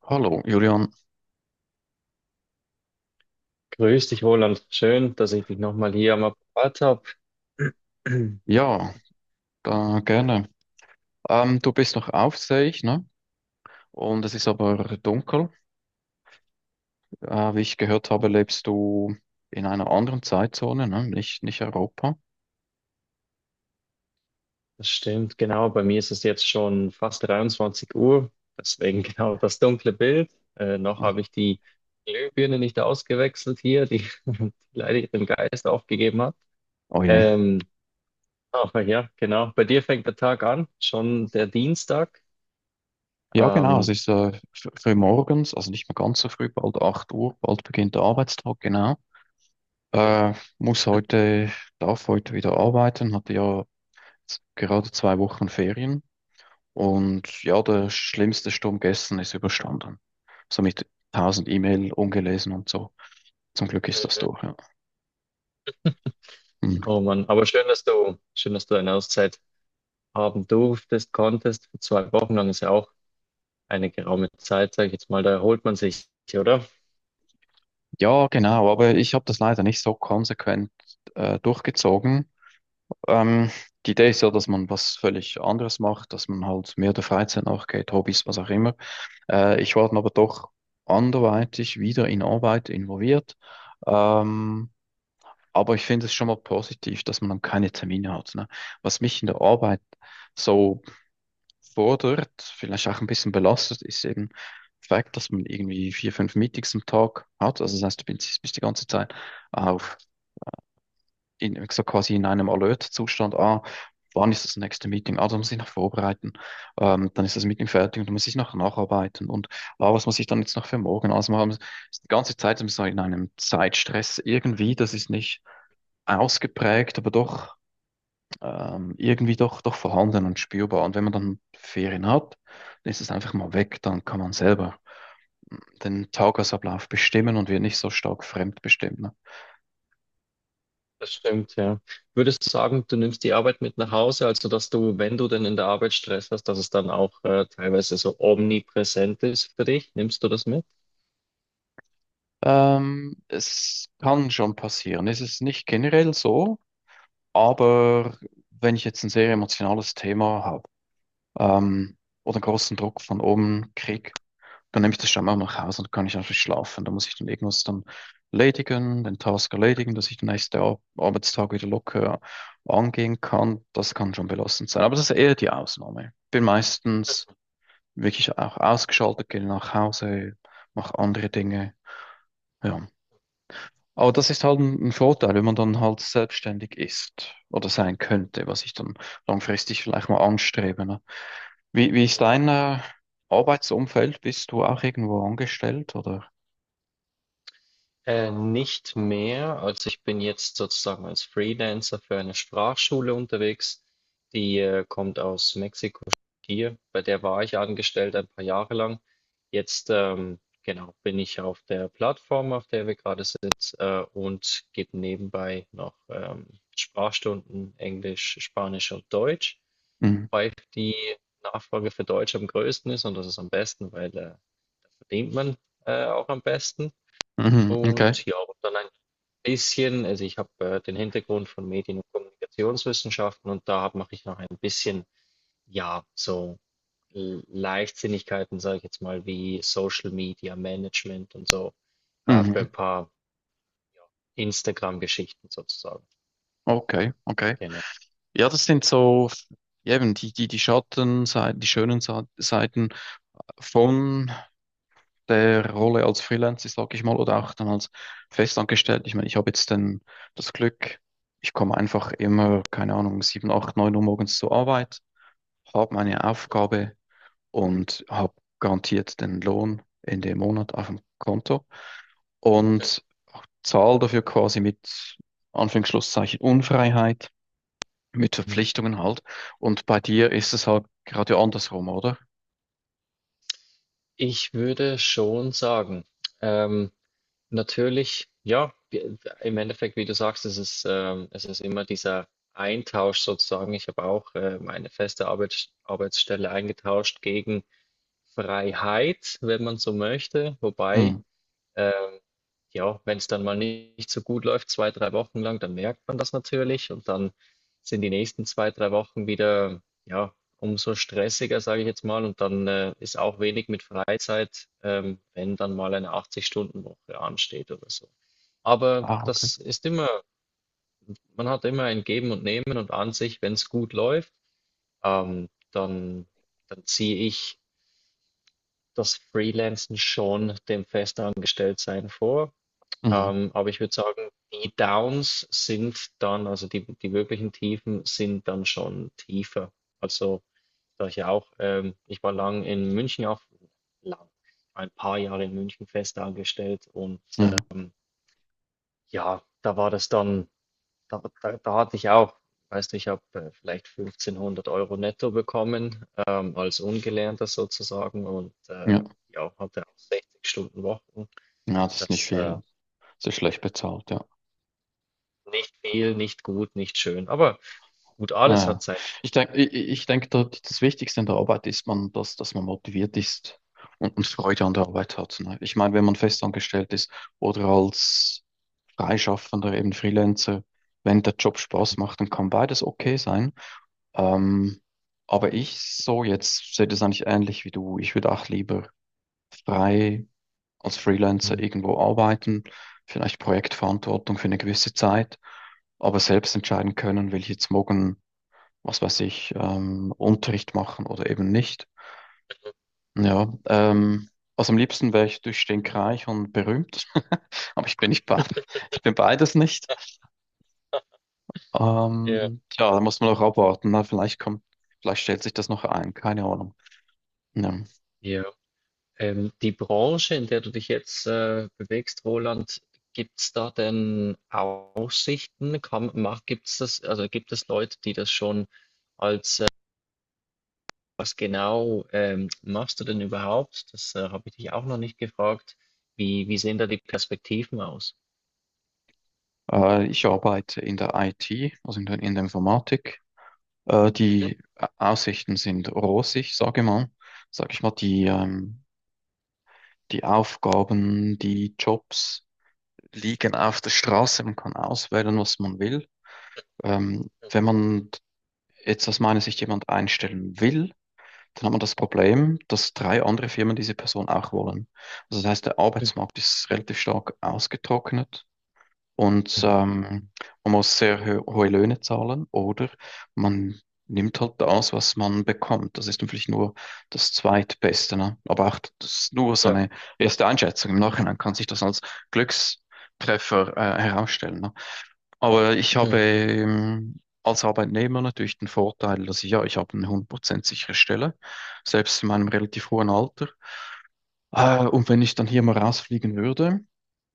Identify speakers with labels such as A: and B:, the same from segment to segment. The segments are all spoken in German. A: Hallo, Julian.
B: Grüß dich, Roland. Schön, dass ich dich nochmal hier am Apparat habe.
A: Ja, da, gerne. Du bist noch auf, sehe ich, ne? Und es ist aber dunkel. Wie ich gehört habe, lebst du in einer anderen Zeitzone, ne? Nicht, nicht Europa.
B: Das stimmt, genau. Bei mir ist es jetzt schon fast 23 Uhr, deswegen genau das dunkle Bild. Noch habe ich die Glühbirne nicht ausgewechselt hier, die, die leider ihren Geist aufgegeben hat.
A: Oh je.
B: Ähm, aber ja, genau. Bei dir fängt der Tag an, schon der Dienstag.
A: Ja, genau. Es
B: Ähm,
A: ist früh morgens, also nicht mehr ganz so früh, bald 8 Uhr, bald beginnt der Arbeitstag, genau. Äh, Muss heute, darf heute wieder arbeiten, hatte ja jetzt gerade 2 Wochen Ferien. Und ja, der schlimmste Sturm gestern ist überstanden. So mit 1000 E-Mail ungelesen und so. Zum Glück ist das
B: Mhm.
A: durch, ja. Hm.
B: Oh Mann, aber schön, dass du eine Auszeit haben durftest, konntest. Zwei Wochen lang ist ja auch eine geraume Zeit, sage ich jetzt mal, da erholt man sich, oder?
A: Ja, genau, aber ich habe das leider nicht so konsequent durchgezogen. Ähm, Die Idee ist ja, dass man was völlig anderes macht, dass man halt mehr der Freizeit nachgeht, Hobbys, was auch immer. Ich war dann aber doch anderweitig wieder in Arbeit involviert. Ähm, aber ich finde es schon mal positiv, dass man dann keine Termine hat. Ne? Was mich in der Arbeit so fordert, vielleicht auch ein bisschen belastet, ist eben der Fakt, dass man irgendwie vier, fünf Meetings am Tag hat. Also das heißt, du bist die ganze Zeit auf, in, so quasi in einem Alert-Zustand. Ah, wann ist das nächste Meeting? Ah, da muss ich noch vorbereiten. Dann ist das Meeting fertig und dann muss ich noch nacharbeiten. Und ah, was muss ich dann jetzt noch für morgen ausmachen? Also ist die ganze Zeit so in einem Zeitstress irgendwie. Das ist nicht ausgeprägt, aber doch irgendwie doch vorhanden und spürbar. Und wenn man dann Ferien hat, dann ist es einfach mal weg, dann kann man selber den Tagesablauf bestimmen und wird nicht so stark fremdbestimmt. Ne?
B: Das stimmt, ja. Würdest du sagen, du nimmst die Arbeit mit nach Hause, also dass du, wenn du denn in der Arbeit Stress hast, dass es dann auch teilweise so omnipräsent ist für dich? Nimmst du das mit?
A: Es kann schon passieren. Es ist nicht generell so, aber wenn ich jetzt ein sehr emotionales Thema habe, ähm, oder einen großen Druck von oben kriege, dann nehme ich das schon auch nach Hause und kann ich einfach schlafen. Da muss ich dann irgendwas dann erledigen, den Task erledigen, dass ich den nächsten Arbeitstag wieder locker angehen kann. Das kann schon belastend sein. Aber das ist eher die Ausnahme. Bin meistens wirklich auch ausgeschaltet, gehe nach Hause, mache andere Dinge. Ja. Aber das ist halt ein Vorteil, wenn man dann halt selbstständig ist oder sein könnte, was ich dann langfristig vielleicht mal anstrebe. Ne? Wie ist dein Arbeitsumfeld? Bist du auch irgendwo angestellt oder?
B: Nicht mehr. Also ich bin jetzt sozusagen als Freelancer für eine Sprachschule unterwegs. Die kommt aus Mexiko hier. Bei der war ich angestellt ein paar Jahre lang. Jetzt genau bin ich auf der Plattform, auf der wir gerade sind, und gebe nebenbei noch Sprachstunden Englisch, Spanisch und Deutsch,
A: Mhm.
B: wobei die Nachfrage für Deutsch am größten ist und das ist am besten, weil da verdient man auch am besten.
A: Mhm. Okay.
B: Und ja, und dann ein bisschen, also ich habe den Hintergrund von Medien- und Kommunikationswissenschaften und mache ich noch ein bisschen, ja, so Leichtsinnigkeiten, sage ich jetzt mal, wie Social Media Management und so, für ein
A: Mhm.
B: paar ja, Instagram-Geschichten sozusagen.
A: Okay, okay.
B: Genau.
A: Ja, das sind so, ja, eben die Schattenseiten, die schönen Seiten von der Rolle als Freelancer, sag ich mal, oder auch dann als festangestellt. Ich meine, ich habe jetzt dann das Glück, ich komme einfach immer, keine Ahnung, 7 8 9 Uhr morgens zur Arbeit, habe meine Aufgabe, und habe garantiert den Lohn Ende Monat auf dem Konto und zahle dafür quasi mit Anführungsschlusszeichen Unfreiheit, mit
B: Mhm.
A: Verpflichtungen halt. Und bei dir ist es halt gerade andersrum, oder?
B: Ich würde schon sagen, ähm, natürlich, ja, im Endeffekt, wie du sagst, es ist immer dieser Eintausch sozusagen. Ich habe auch meine feste Arbeitsstelle eingetauscht gegen Freiheit, wenn man so möchte.
A: Hm.
B: Wobei ähm, ja, wenn es dann mal nicht so gut läuft, zwei, drei Wochen lang, dann merkt man das natürlich und dann sind die nächsten zwei, drei Wochen wieder, ja, umso stressiger, sage ich jetzt mal. Und dann ist auch wenig mit Freizeit, wenn dann mal eine 80-Stunden-Woche ansteht oder so. Aber
A: Ah, okay.
B: das ist immer, man hat immer ein Geben und Nehmen und an sich, wenn es gut läuft, dann, dann ziehe ich das Freelancen schon dem Festangestelltsein vor.
A: Hm.
B: Aber ich würde sagen, die Downs sind dann, also die, die wirklichen Tiefen sind dann schon tiefer. Also, da ich ja auch, ich war lang in München auch, lang, ein paar Jahre in München fest angestellt und
A: Hm.
B: ähm, ja, da war das dann, da, da, da hatte ich auch, weißt du, ich habe vielleicht 1500 Euro netto bekommen, als Ungelernter sozusagen und
A: Ja.
B: ja, hatte auch 60 Stunden Wochen.
A: Ja, das ist nicht
B: Das
A: viel. Das ist schlecht bezahlt, ja.
B: Nicht viel, nicht gut, nicht schön. Aber gut,
A: Ah,
B: alles
A: ja.
B: hat sein.
A: Ich denke, das Wichtigste in der Arbeit ist man, dass man motiviert ist und Freude an der Arbeit hat. Ne? Ich meine, wenn man festangestellt ist oder als Freischaffender, eben Freelancer, wenn der Job Spaß macht, dann kann beides okay sein. Ähm, aber ich so jetzt sehe das eigentlich ähnlich wie du. Ich würde auch lieber frei als Freelancer
B: Mhm.
A: irgendwo arbeiten, vielleicht Projektverantwortung für eine gewisse Zeit, aber selbst entscheiden können, will ich jetzt morgen, was weiß ich, Unterricht machen oder eben nicht. Ja, also am liebsten wäre ich durchstinkreich und berühmt, aber ich bin nicht be ich bin beides nicht.
B: Ja,
A: Tja, da muss man noch abwarten. Na, vielleicht kommt, vielleicht stellt sich das noch ein, keine Ahnung. Ja.
B: ja. Die Branche, in der du dich jetzt bewegst, Roland, gibt es da denn Aussichten? Kann, mach, gibt's das, also gibt es Leute, die das schon als, was genau machst du denn überhaupt? Das Habe ich dich auch noch nicht gefragt. Wie, wie sehen da die Perspektiven aus?
A: Ich arbeite in der IT, also in der Informatik. Die Aussichten sind rosig, sage mal. Sag ich mal, die Aufgaben, die Jobs liegen auf der Straße. Man kann auswählen, was man will. Wenn man jetzt aus meiner Sicht jemand einstellen will, dann haben wir das Problem, dass drei andere Firmen diese Person auch wollen. Also das heißt, der
B: Mhm,
A: Arbeitsmarkt ist relativ stark ausgetrocknet und
B: mhm,
A: man muss sehr hohe Löhne zahlen oder man nimmt halt das, was man bekommt. Das ist natürlich nur das Zweitbeste, ne? Aber auch das ist nur so
B: klar.
A: eine erste Einschätzung. Im Nachhinein kann sich das als Glückstreffer herausstellen. Ne? Aber ich habe,
B: Mhm,
A: als Arbeitnehmer natürlich den Vorteil, dass ich, ja, ich habe eine 100% sichere Stelle, selbst in meinem relativ hohen Alter. Und wenn ich dann hier mal rausfliegen würde,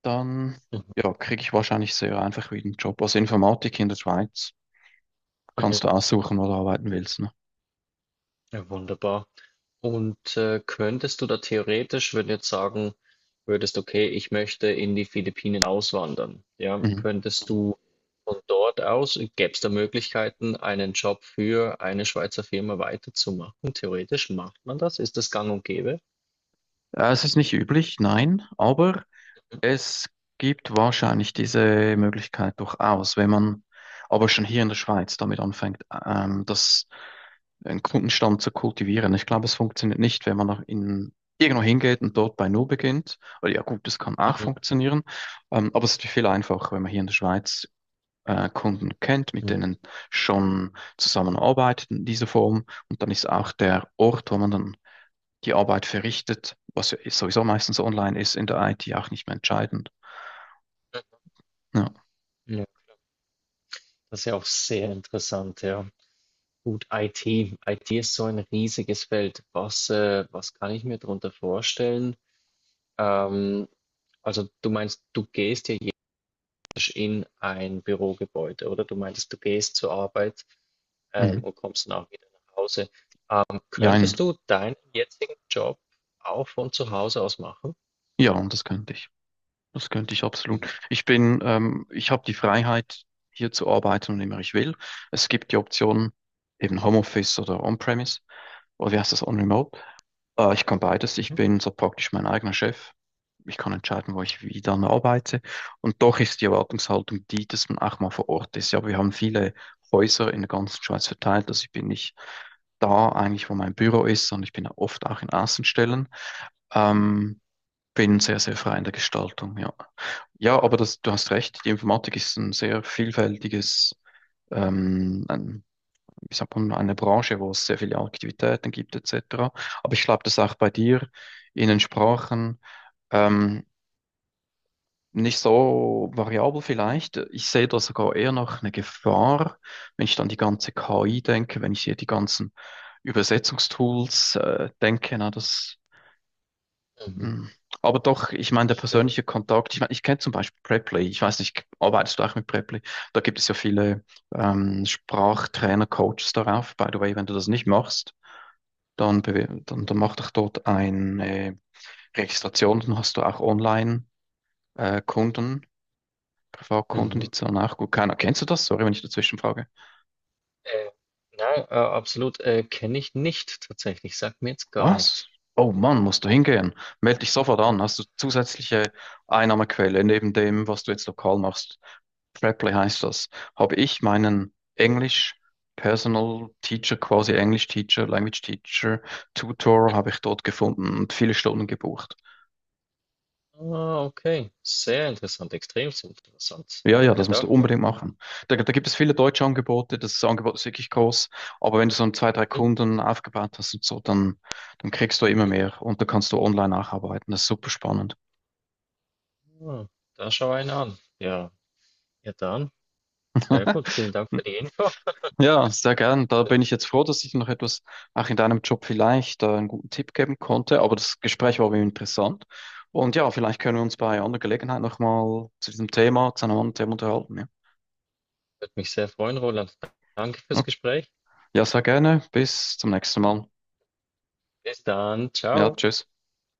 A: dann,
B: mhm,
A: ja, kriege ich wahrscheinlich sehr einfach wieder einen Job. Also Informatik in der Schweiz
B: mhm.
A: kannst du aussuchen, wo du arbeiten willst. Ne?
B: Ja, wunderbar. Und könntest du da theoretisch, wenn du jetzt sagen würdest, okay, ich möchte in die Philippinen auswandern, ja,
A: Mhm.
B: könntest du von dort aus, gäbe es da Möglichkeiten, einen Job für eine Schweizer Firma weiterzumachen? Theoretisch macht man das? Ist das gang und gäbe?
A: Es ist nicht üblich, nein, aber es gibt wahrscheinlich diese Möglichkeit durchaus, wenn man aber schon hier in der Schweiz damit anfängt, das einen Kundenstamm zu kultivieren. Ich glaube, es funktioniert nicht, wenn man noch in irgendwo hingeht und dort bei Null beginnt. Oder ja gut, das kann auch
B: Mhm.
A: funktionieren. Aber es ist natürlich viel einfacher, wenn man hier in der Schweiz Kunden kennt, mit
B: Mhm.
A: denen schon zusammenarbeitet in dieser Form. Und dann ist auch der Ort, wo man dann die Arbeit verrichtet, was ja sowieso meistens online ist, in der IT auch nicht mehr entscheidend. Ja,
B: Ja, klar. Das ist ja auch sehr interessant, ja. Gut, IT. IT ist so ein riesiges Feld. Was, was kann ich mir darunter vorstellen? Ähm, also du meinst, du gehst ja in ein Bürogebäude, oder? Du meintest, du gehst zur Arbeit,
A: mhm.
B: und kommst dann auch wieder nach Hause.
A: Jein.
B: Könntest du deinen jetzigen Job auch von zu Hause aus machen?
A: Ja, und das könnte ich. Das könnte ich absolut.
B: Mhm.
A: Ich habe die Freiheit, hier zu arbeiten, wann immer ich will. Es gibt die Option, eben Homeoffice oder On-Premise. Oder wie heißt das, On-Remote? Ich kann beides. Ich
B: Mhm.
A: bin so praktisch mein eigener Chef. Ich kann entscheiden, wo ich wie dann arbeite. Und doch ist die Erwartungshaltung die, dass man auch mal vor Ort ist. Ja, wir haben viele Häuser in der ganzen Schweiz verteilt. Also ich bin nicht da eigentlich, wo mein Büro ist, sondern ich bin oft auch in Außenstellen. Ähm, Bin sehr, sehr frei in der Gestaltung, ja. Ja, aber das, du hast recht, die Informatik ist ein sehr vielfältiges, ein, wie sagt man, eine Branche, wo es sehr viele Aktivitäten gibt, etc. Aber ich glaube, das ist auch bei dir in den Sprachen ähm, nicht so variabel vielleicht. Ich sehe da sogar eher noch eine Gefahr, wenn ich dann die ganze KI denke, wenn ich hier die ganzen Übersetzungstools denke, na, das.
B: Mhm.
A: Mm. Aber doch, ich meine, der
B: Stimmt.
A: persönliche Kontakt, ich meine, ich kenne zum Beispiel Preply, ich weiß nicht, arbeitest du auch mit Preply? Da gibt es ja viele Sprachtrainer, Coaches darauf. By the way, wenn du das nicht machst, dann, dann mach doch dort eine Registration, dann hast du auch Online-Kunden, Privatkunden,
B: Mhm.
A: die zahlen auch gut. Keiner, kennst du das? Sorry, wenn ich dazwischen frage.
B: Äh, nein, absolut, kenne ich nicht tatsächlich. Sagt mir jetzt gar
A: Was?
B: nichts.
A: Oh Mann, musst du hingehen. Meld dich sofort an. Hast du zusätzliche Einnahmequelle neben dem, was du jetzt lokal machst? Preply heißt das. Habe ich meinen Englisch Personal Teacher, quasi English Teacher, Language Teacher, Tutor habe ich dort gefunden und viele Stunden gebucht.
B: Ah, okay. Sehr interessant, extrem interessant.
A: Ja, ja,
B: Danke
A: das musst du
B: dafür.
A: unbedingt machen. Da, da gibt es viele deutsche Angebote, das Angebot ist wirklich groß, aber wenn du so ein, zwei, drei
B: Mhm.
A: Kunden aufgebaut hast und so, dann, dann kriegst du immer mehr und da kannst du online nacharbeiten. Das ist super spannend.
B: Ah, da schau einen an. Ja, ja dann. Sehr gut. Vielen Dank für die Info.
A: Ja, sehr gern. Da bin ich jetzt froh, dass ich noch etwas auch in deinem Job vielleicht einen guten Tipp geben konnte. Aber das Gespräch war mir interessant. Und ja, vielleicht können wir uns bei anderer Gelegenheit nochmal zu diesem Thema, zu einem anderen Thema unterhalten.
B: Würde mich sehr freuen, Roland. Danke fürs
A: Ja,
B: Gespräch.
A: ja, sehr gerne. Bis zum nächsten Mal.
B: Bis dann.
A: Ja,
B: Ciao.
A: tschüss.